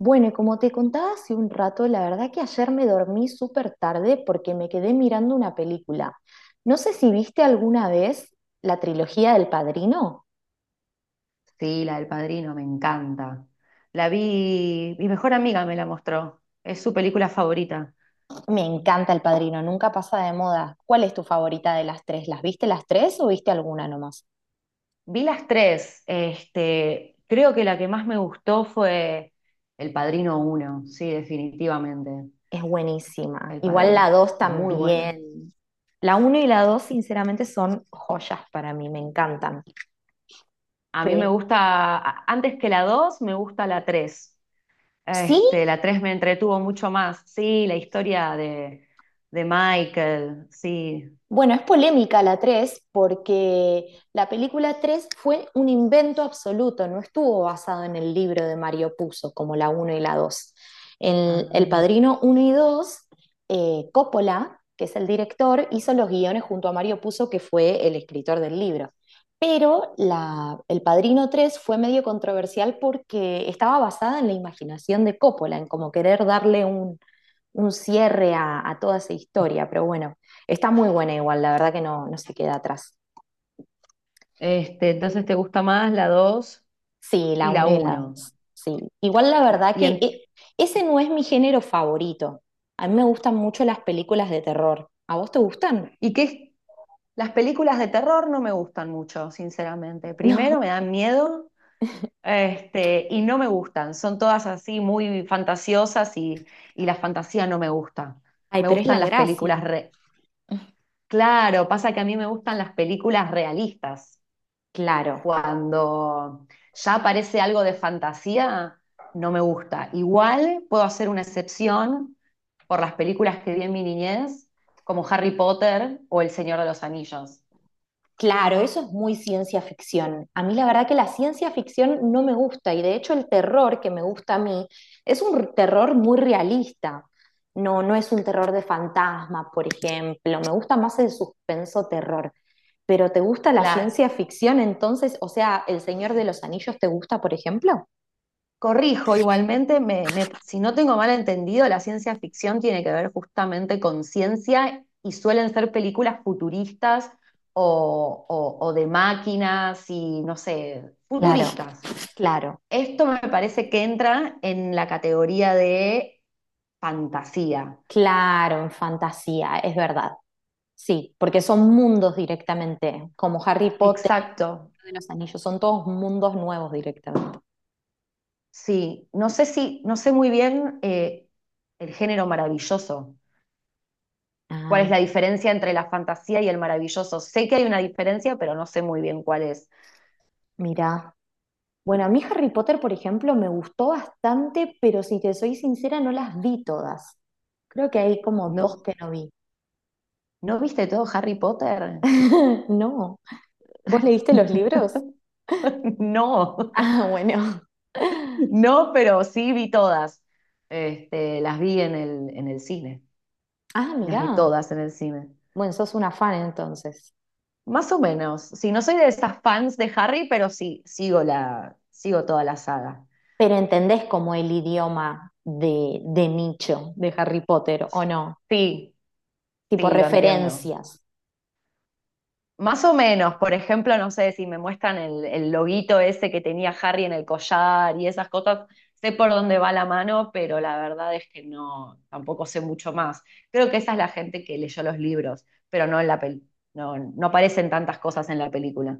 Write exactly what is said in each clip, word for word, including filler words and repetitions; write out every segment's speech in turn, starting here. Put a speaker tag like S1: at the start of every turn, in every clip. S1: Bueno, y como te contaba hace un rato, la verdad que ayer me dormí súper tarde porque me quedé mirando una película. No sé si viste alguna vez la trilogía del Padrino.
S2: Sí, la del Padrino, me encanta. La vi, mi mejor amiga me la mostró, es su película favorita.
S1: Me encanta el Padrino, nunca pasa de moda. ¿Cuál es tu favorita de las tres? ¿Las viste las tres o viste alguna nomás?
S2: Vi las tres, este, creo que la que más me gustó fue El Padrino uno, sí, definitivamente,
S1: Es buenísima.
S2: El
S1: Igual la
S2: Padrino,
S1: dos
S2: muy buena.
S1: también. La uno y la dos, sinceramente, son joyas para mí, me encantan.
S2: A mí me
S1: Pe-
S2: gusta, a- antes que la dos, me gusta la tres.
S1: ¿Sí?
S2: Este, la tres me entretuvo mucho más, sí, la historia de, de Michael, sí.
S1: Bueno, es polémica la tres porque la película tres fue un invento absoluto, no estuvo basado en el libro de Mario Puzo como la uno y la dos. En El
S2: Ah.
S1: Padrino uno y dos, eh, Coppola, que es el director, hizo los guiones junto a Mario Puzo, que fue el escritor del libro. Pero la- El Padrino tres fue medio controversial porque estaba basada en la imaginación de Coppola, en como querer darle un cierre a, a toda esa historia, pero bueno, está muy buena igual, la verdad que no, no se queda atrás.
S2: Este, entonces, ¿te gusta más la dos
S1: Sí, la
S2: y la
S1: uno y la
S2: uno.
S1: dos. Sí, igual la
S2: Y,
S1: verdad
S2: y,
S1: que
S2: en-
S1: e- Ese no es mi género favorito. A mí me gustan mucho las películas de terror. ¿A vos te gustan?
S2: y que las películas de terror no me gustan mucho, sinceramente.
S1: No.
S2: Primero me dan miedo, este, y no me gustan. Son todas así muy fantasiosas y, y la fantasía no me gusta.
S1: Ay,
S2: Me
S1: pero es
S2: gustan
S1: la
S2: las películas
S1: gracia.
S2: re- Claro, pasa que a mí me gustan las películas realistas.
S1: Claro.
S2: Cuando ya aparece algo de fantasía, no me gusta. Igual puedo hacer una excepción por las películas que vi en mi niñez, como Harry Potter o El Señor de los Anillos.
S1: Claro, eso es muy ciencia ficción. A mí la verdad que la ciencia ficción no me gusta y de hecho el terror que me gusta a mí es un terror muy realista. No, no es un terror de fantasma, por ejemplo. Me gusta más el suspenso terror. Pero ¿te gusta la
S2: Claro,
S1: ciencia ficción entonces? O sea, ¿El Señor de los Anillos te gusta, por ejemplo?
S2: corrijo igualmente, me- me- si no tengo mal entendido, la ciencia ficción tiene que ver justamente con ciencia y suelen ser películas futuristas o, o- o de máquinas y no sé,
S1: Claro,
S2: futuristas.
S1: claro,
S2: Esto me parece que entra en la categoría de fantasía.
S1: claro, en fantasía, es verdad. Sí, porque son mundos directamente, como Harry Potter.
S2: Exacto,
S1: De los Anillos, son todos mundos nuevos directamente.
S2: sí. No sé si, no sé muy bien eh, el género maravilloso. ¿Cuál
S1: Ah,
S2: es la diferencia entre la fantasía y el maravilloso? Sé que hay una diferencia, pero no sé muy bien cuál es.
S1: mira. Bueno, a mí Harry Potter, por ejemplo, me gustó bastante, pero si te soy sincera, no las vi todas. Creo que hay como dos
S2: ¿No,
S1: que no vi.
S2: ¿no viste todo Harry Potter?
S1: No. ¿Vos leíste los libros?
S2: No,
S1: Ah, bueno.
S2: no, pero sí vi todas. Este, las vi en el, en el cine.
S1: Ah,
S2: Las vi
S1: mirá.
S2: todas en el cine.
S1: Bueno, sos una fan entonces.
S2: Más o menos. Sí, no soy de esas fans de Harry, pero sí, sigo la, sigo toda la saga.
S1: Pero ¿entendés como el idioma de, de nicho de Harry Potter, o no?
S2: Sí,
S1: Tipo
S2: sí, lo entiendo.
S1: referencias.
S2: Más o menos, por ejemplo, no sé si me muestran el, el loguito ese que tenía Harry en el collar y esas cosas, sé por dónde va la mano, pero la verdad es que no, tampoco sé mucho más. Creo que esa es la gente que leyó los libros, pero no en la pel- no, no aparecen tantas cosas en la película.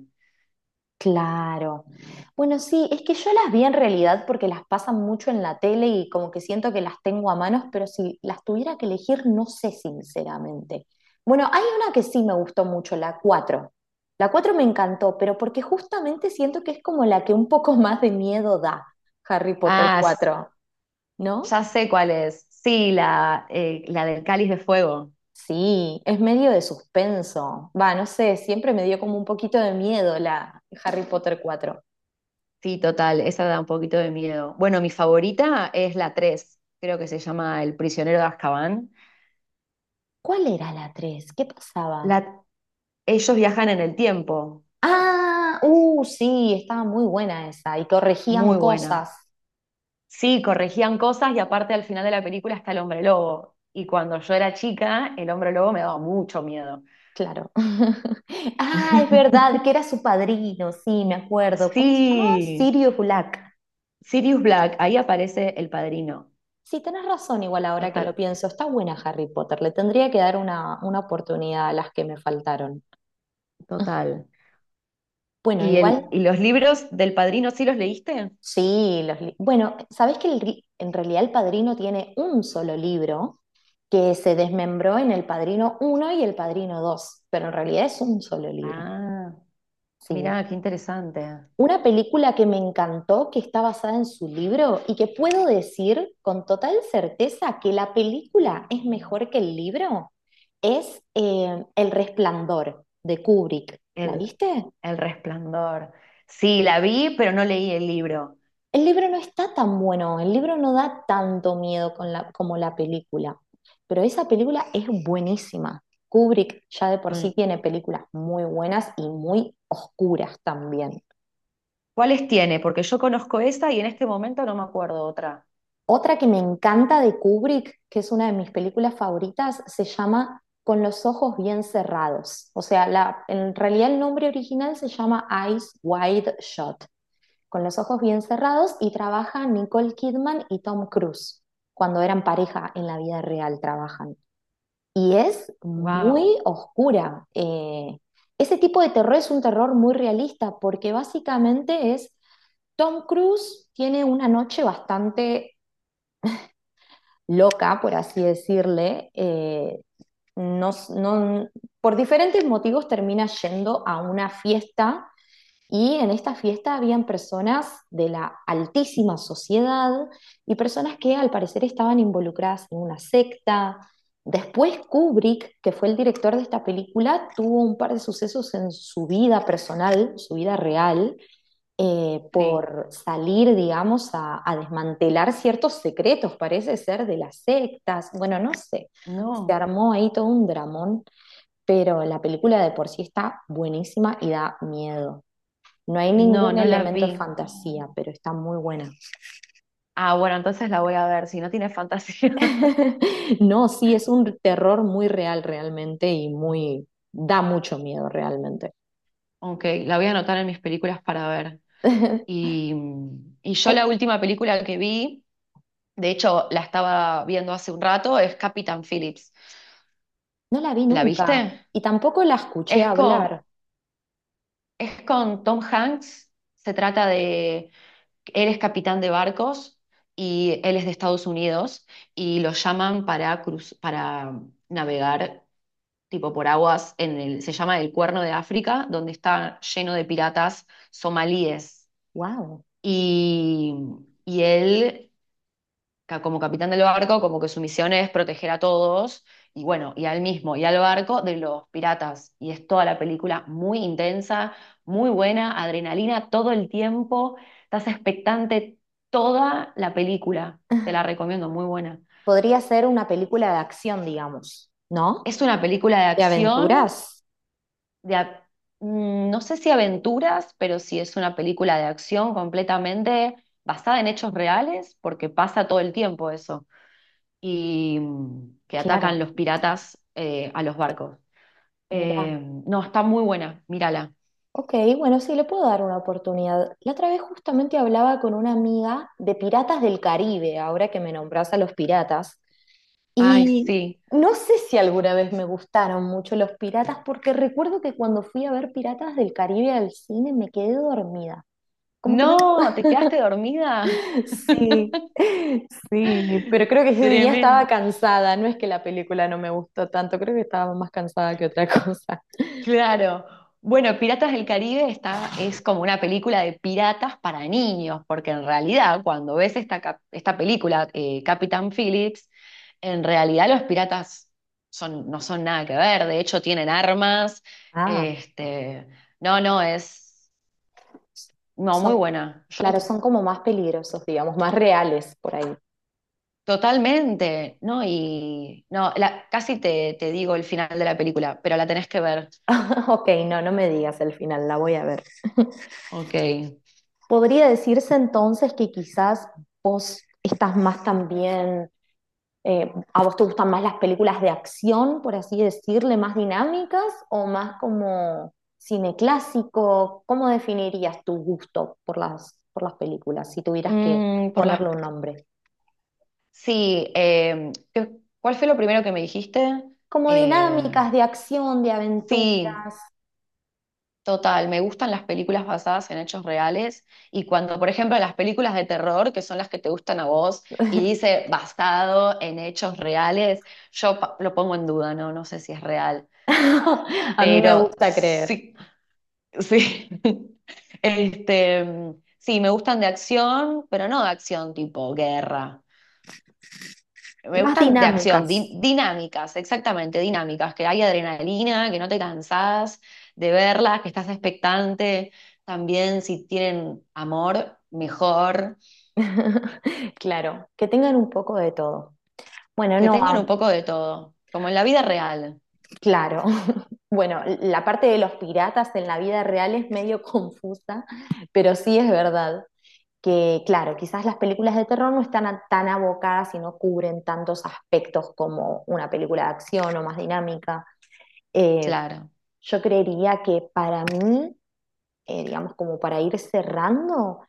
S1: Claro. Bueno, sí, es que yo las vi en realidad porque las pasan mucho en la tele y como que siento que las tengo a manos, pero si las tuviera que elegir, no sé sinceramente. Bueno, hay una que sí me gustó mucho, la cuatro. La cuatro me encantó, pero porque justamente siento que es como la que un poco más de miedo da, Harry Potter
S2: Ah, s-
S1: cuatro, ¿no?
S2: ya sé cuál es. Sí, la, eh, la del Cáliz de Fuego.
S1: Sí, es medio de suspenso. Va, no sé, siempre me dio como un poquito de miedo la Harry Potter cuatro.
S2: Sí, total, esa da un poquito de miedo. Bueno, mi favorita es la tres, creo que se llama El prisionero de Azkaban.
S1: ¿Cuál era la tres? ¿Qué pasaba?
S2: La, Ellos viajan en el tiempo,
S1: Ah, uh, sí, estaba muy buena esa. Y corregían
S2: muy buena.
S1: cosas,
S2: Sí, corregían cosas y aparte al final de la película está el hombre lobo. Y cuando yo era chica, el hombre lobo me daba mucho miedo.
S1: claro. Ah, es verdad, que era su padrino, sí, me acuerdo. ¿Cómo se llamaba?
S2: Sí,
S1: Sirio Gulak.
S2: Sirius Black, ahí aparece el padrino.
S1: Sí, tenés razón, igual ahora que lo
S2: Total,
S1: pienso. Está buena Harry Potter, le tendría que dar una, una oportunidad a las que me faltaron.
S2: total.
S1: Bueno,
S2: ¿Y,
S1: igual,
S2: el, y los libros del padrino sí los leíste?
S1: sí, los li- bueno, ¿sabés que el ri- en realidad El Padrino tiene un solo libro que se desmembró en El Padrino uno y El Padrino dos? Pero en realidad es un solo libro.
S2: Ah,
S1: Sí.
S2: mirá, qué interesante.
S1: Una película que me encantó, que está basada en su libro y que puedo decir con total certeza que la película es mejor que el libro, es eh, El Resplandor de Kubrick. ¿La
S2: El,
S1: viste?
S2: El Resplandor. Sí, la vi, pero no leí el libro.
S1: El libro no está tan bueno, el libro no da tanto miedo con la- como la película, pero esa película es buenísima. Kubrick ya de por sí
S2: Con-
S1: tiene películas muy buenas y muy oscuras también.
S2: ¿Cuáles tiene? Porque yo conozco esa y en este momento no me acuerdo otra.
S1: Otra que me encanta de Kubrick, que es una de mis películas favoritas, se llama Con los ojos bien cerrados. O sea, la, en realidad el nombre original se llama Eyes Wide Shut, con los ojos bien cerrados, y trabaja Nicole Kidman y Tom Cruise. Cuando eran pareja en la vida real trabajan. Y es muy
S2: Wow,
S1: oscura. Eh, ese tipo de terror es un terror muy realista porque básicamente es, Tom Cruise tiene una noche bastante loca, por así decirle, eh, no, no- por diferentes motivos termina yendo a una fiesta y en esta fiesta habían personas de la altísima sociedad y personas que al parecer estaban involucradas en una secta. Después Kubrick, que fue el director de esta película, tuvo un par de sucesos en su vida personal, su vida real, eh,
S2: sí.
S1: por salir, digamos, a, a desmantelar ciertos secretos, parece ser, de las sectas. Bueno, no sé, se
S2: No,
S1: armó ahí todo un dramón, pero la película de por sí está buenísima y da miedo. No hay
S2: no,
S1: ningún
S2: no la
S1: elemento de
S2: vi.
S1: fantasía, pero está muy buena.
S2: Ah, bueno, entonces la voy a ver, si no tiene fantasía.
S1: No, sí, es un terror muy real realmente y muy da mucho miedo realmente.
S2: Ok, la voy a anotar en mis películas para ver. Y, y yo
S1: Ay,
S2: la última película que vi, de hecho la estaba viendo hace un rato, es Capitán Phillips.
S1: no la vi
S2: ¿La
S1: nunca
S2: viste?
S1: y tampoco la escuché
S2: Es con,
S1: hablar.
S2: es con Tom Hanks. Se trata de él. Es capitán de barcos y él es de Estados Unidos y lo llaman para, cruz- para navegar tipo por aguas en el, se llama el Cuerno de África, donde está lleno de piratas somalíes.
S1: Wow.
S2: Y, y él ca- como capitán del barco, como que su misión es proteger a todos, y bueno, y al mismo, y al barco de los piratas. Y es toda la película muy intensa, muy buena, adrenalina todo el tiempo, estás expectante toda la película, te la recomiendo, muy buena.
S1: Podría ser una película de acción, digamos, ¿no?
S2: Es una película de
S1: ¿De
S2: acción,
S1: aventuras?
S2: de, a- mm, no sé si aventuras, pero sí es una película de acción completamente basada en hechos reales, porque pasa todo el tiempo eso. Y mm, que
S1: Claro,
S2: atacan los piratas eh, a los barcos. Eh,
S1: mira.
S2: no, está muy buena, mírala.
S1: Ok, bueno, sí, le puedo dar una oportunidad. La otra vez justamente hablaba con una amiga de Piratas del Caribe, ahora que me nombras a los piratas,
S2: Ay,
S1: y
S2: sí.
S1: no sé si alguna vez me gustaron mucho los piratas, porque recuerdo que cuando fui a ver Piratas del Caribe al cine me quedé dormida. Como que me
S2: No, ¿te quedaste dormida?
S1: Sí, sí, pero creo que ese día estaba
S2: Tremendo.
S1: cansada, no es que la película no me gustó tanto, creo que estaba más cansada que otra cosa.
S2: Claro. Bueno, Piratas del Caribe está, es como una película de piratas para niños, porque en realidad cuando ves esta, cap- esta película, eh, Capitán Phillips, en realidad los piratas son, no son nada que ver, de hecho tienen armas.
S1: Ah,
S2: Este, no, no, es no,
S1: son,
S2: muy buena.
S1: claro,
S2: Yo-
S1: son como más peligrosos, digamos, más reales por ahí.
S2: totalmente, ¿no? Y no, la- casi te, te digo el final de la película, pero la tenés que ver.
S1: Ok, no, no me digas el final, la voy a ver.
S2: Ok.
S1: ¿Podría decirse entonces que quizás vos estás más también? Eh, ¿a vos te gustan más las películas de acción, por así decirle, más dinámicas o más como cine clásico? ¿Cómo definirías tu gusto por las, por las películas si tuvieras que
S2: Mm, por las
S1: ponerle un nombre?
S2: Sí, eh, ¿qué- ¿cuál fue lo primero que me dijiste?
S1: Como
S2: Eh,
S1: dinámicas de acción, de aventuras.
S2: sí, total, me gustan las películas basadas en hechos reales y cuando, por ejemplo, las películas de terror, que son las que te gustan a vos, y dice basado en hechos reales, yo pa- lo pongo en duda, no, no sé si es real,
S1: A mí me
S2: pero
S1: gusta creer.
S2: sí, sí. Este, sí, me gustan de acción, pero no de acción tipo guerra. Me
S1: Más
S2: gustan de acción,
S1: dinámicas.
S2: di- dinámicas, exactamente, dinámicas, que hay adrenalina, que no te cansás de verlas, que estás expectante. También si tienen amor, mejor,
S1: Claro, que tengan un poco de todo. Bueno,
S2: que
S1: no,
S2: tengan
S1: a
S2: un poco de todo, como en la vida real,
S1: claro. Bueno, la parte de los piratas en la vida real es medio confusa, pero sí es verdad que, claro, quizás las películas de terror no están a- tan abocadas y no cubren tantos aspectos como una película de acción o más dinámica. Eh,
S2: claro,
S1: yo creería que para mí, eh, digamos, como para ir cerrando,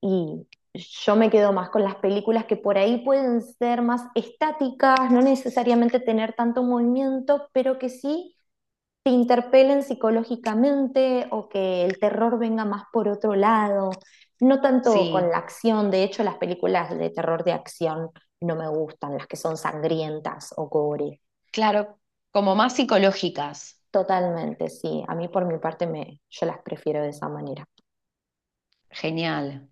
S1: y yo me quedo más con las películas que por ahí pueden ser más estáticas, no necesariamente tener tanto movimiento, pero que sí te interpelen psicológicamente o que el terror venga más por otro lado, no tanto con la
S2: sí,
S1: acción, de hecho las películas de terror de acción no me gustan, las que son sangrientas o gore.
S2: claro, como más psicológicas,
S1: Totalmente, sí, a mí por mi parte me, yo las prefiero de esa manera.
S2: genial.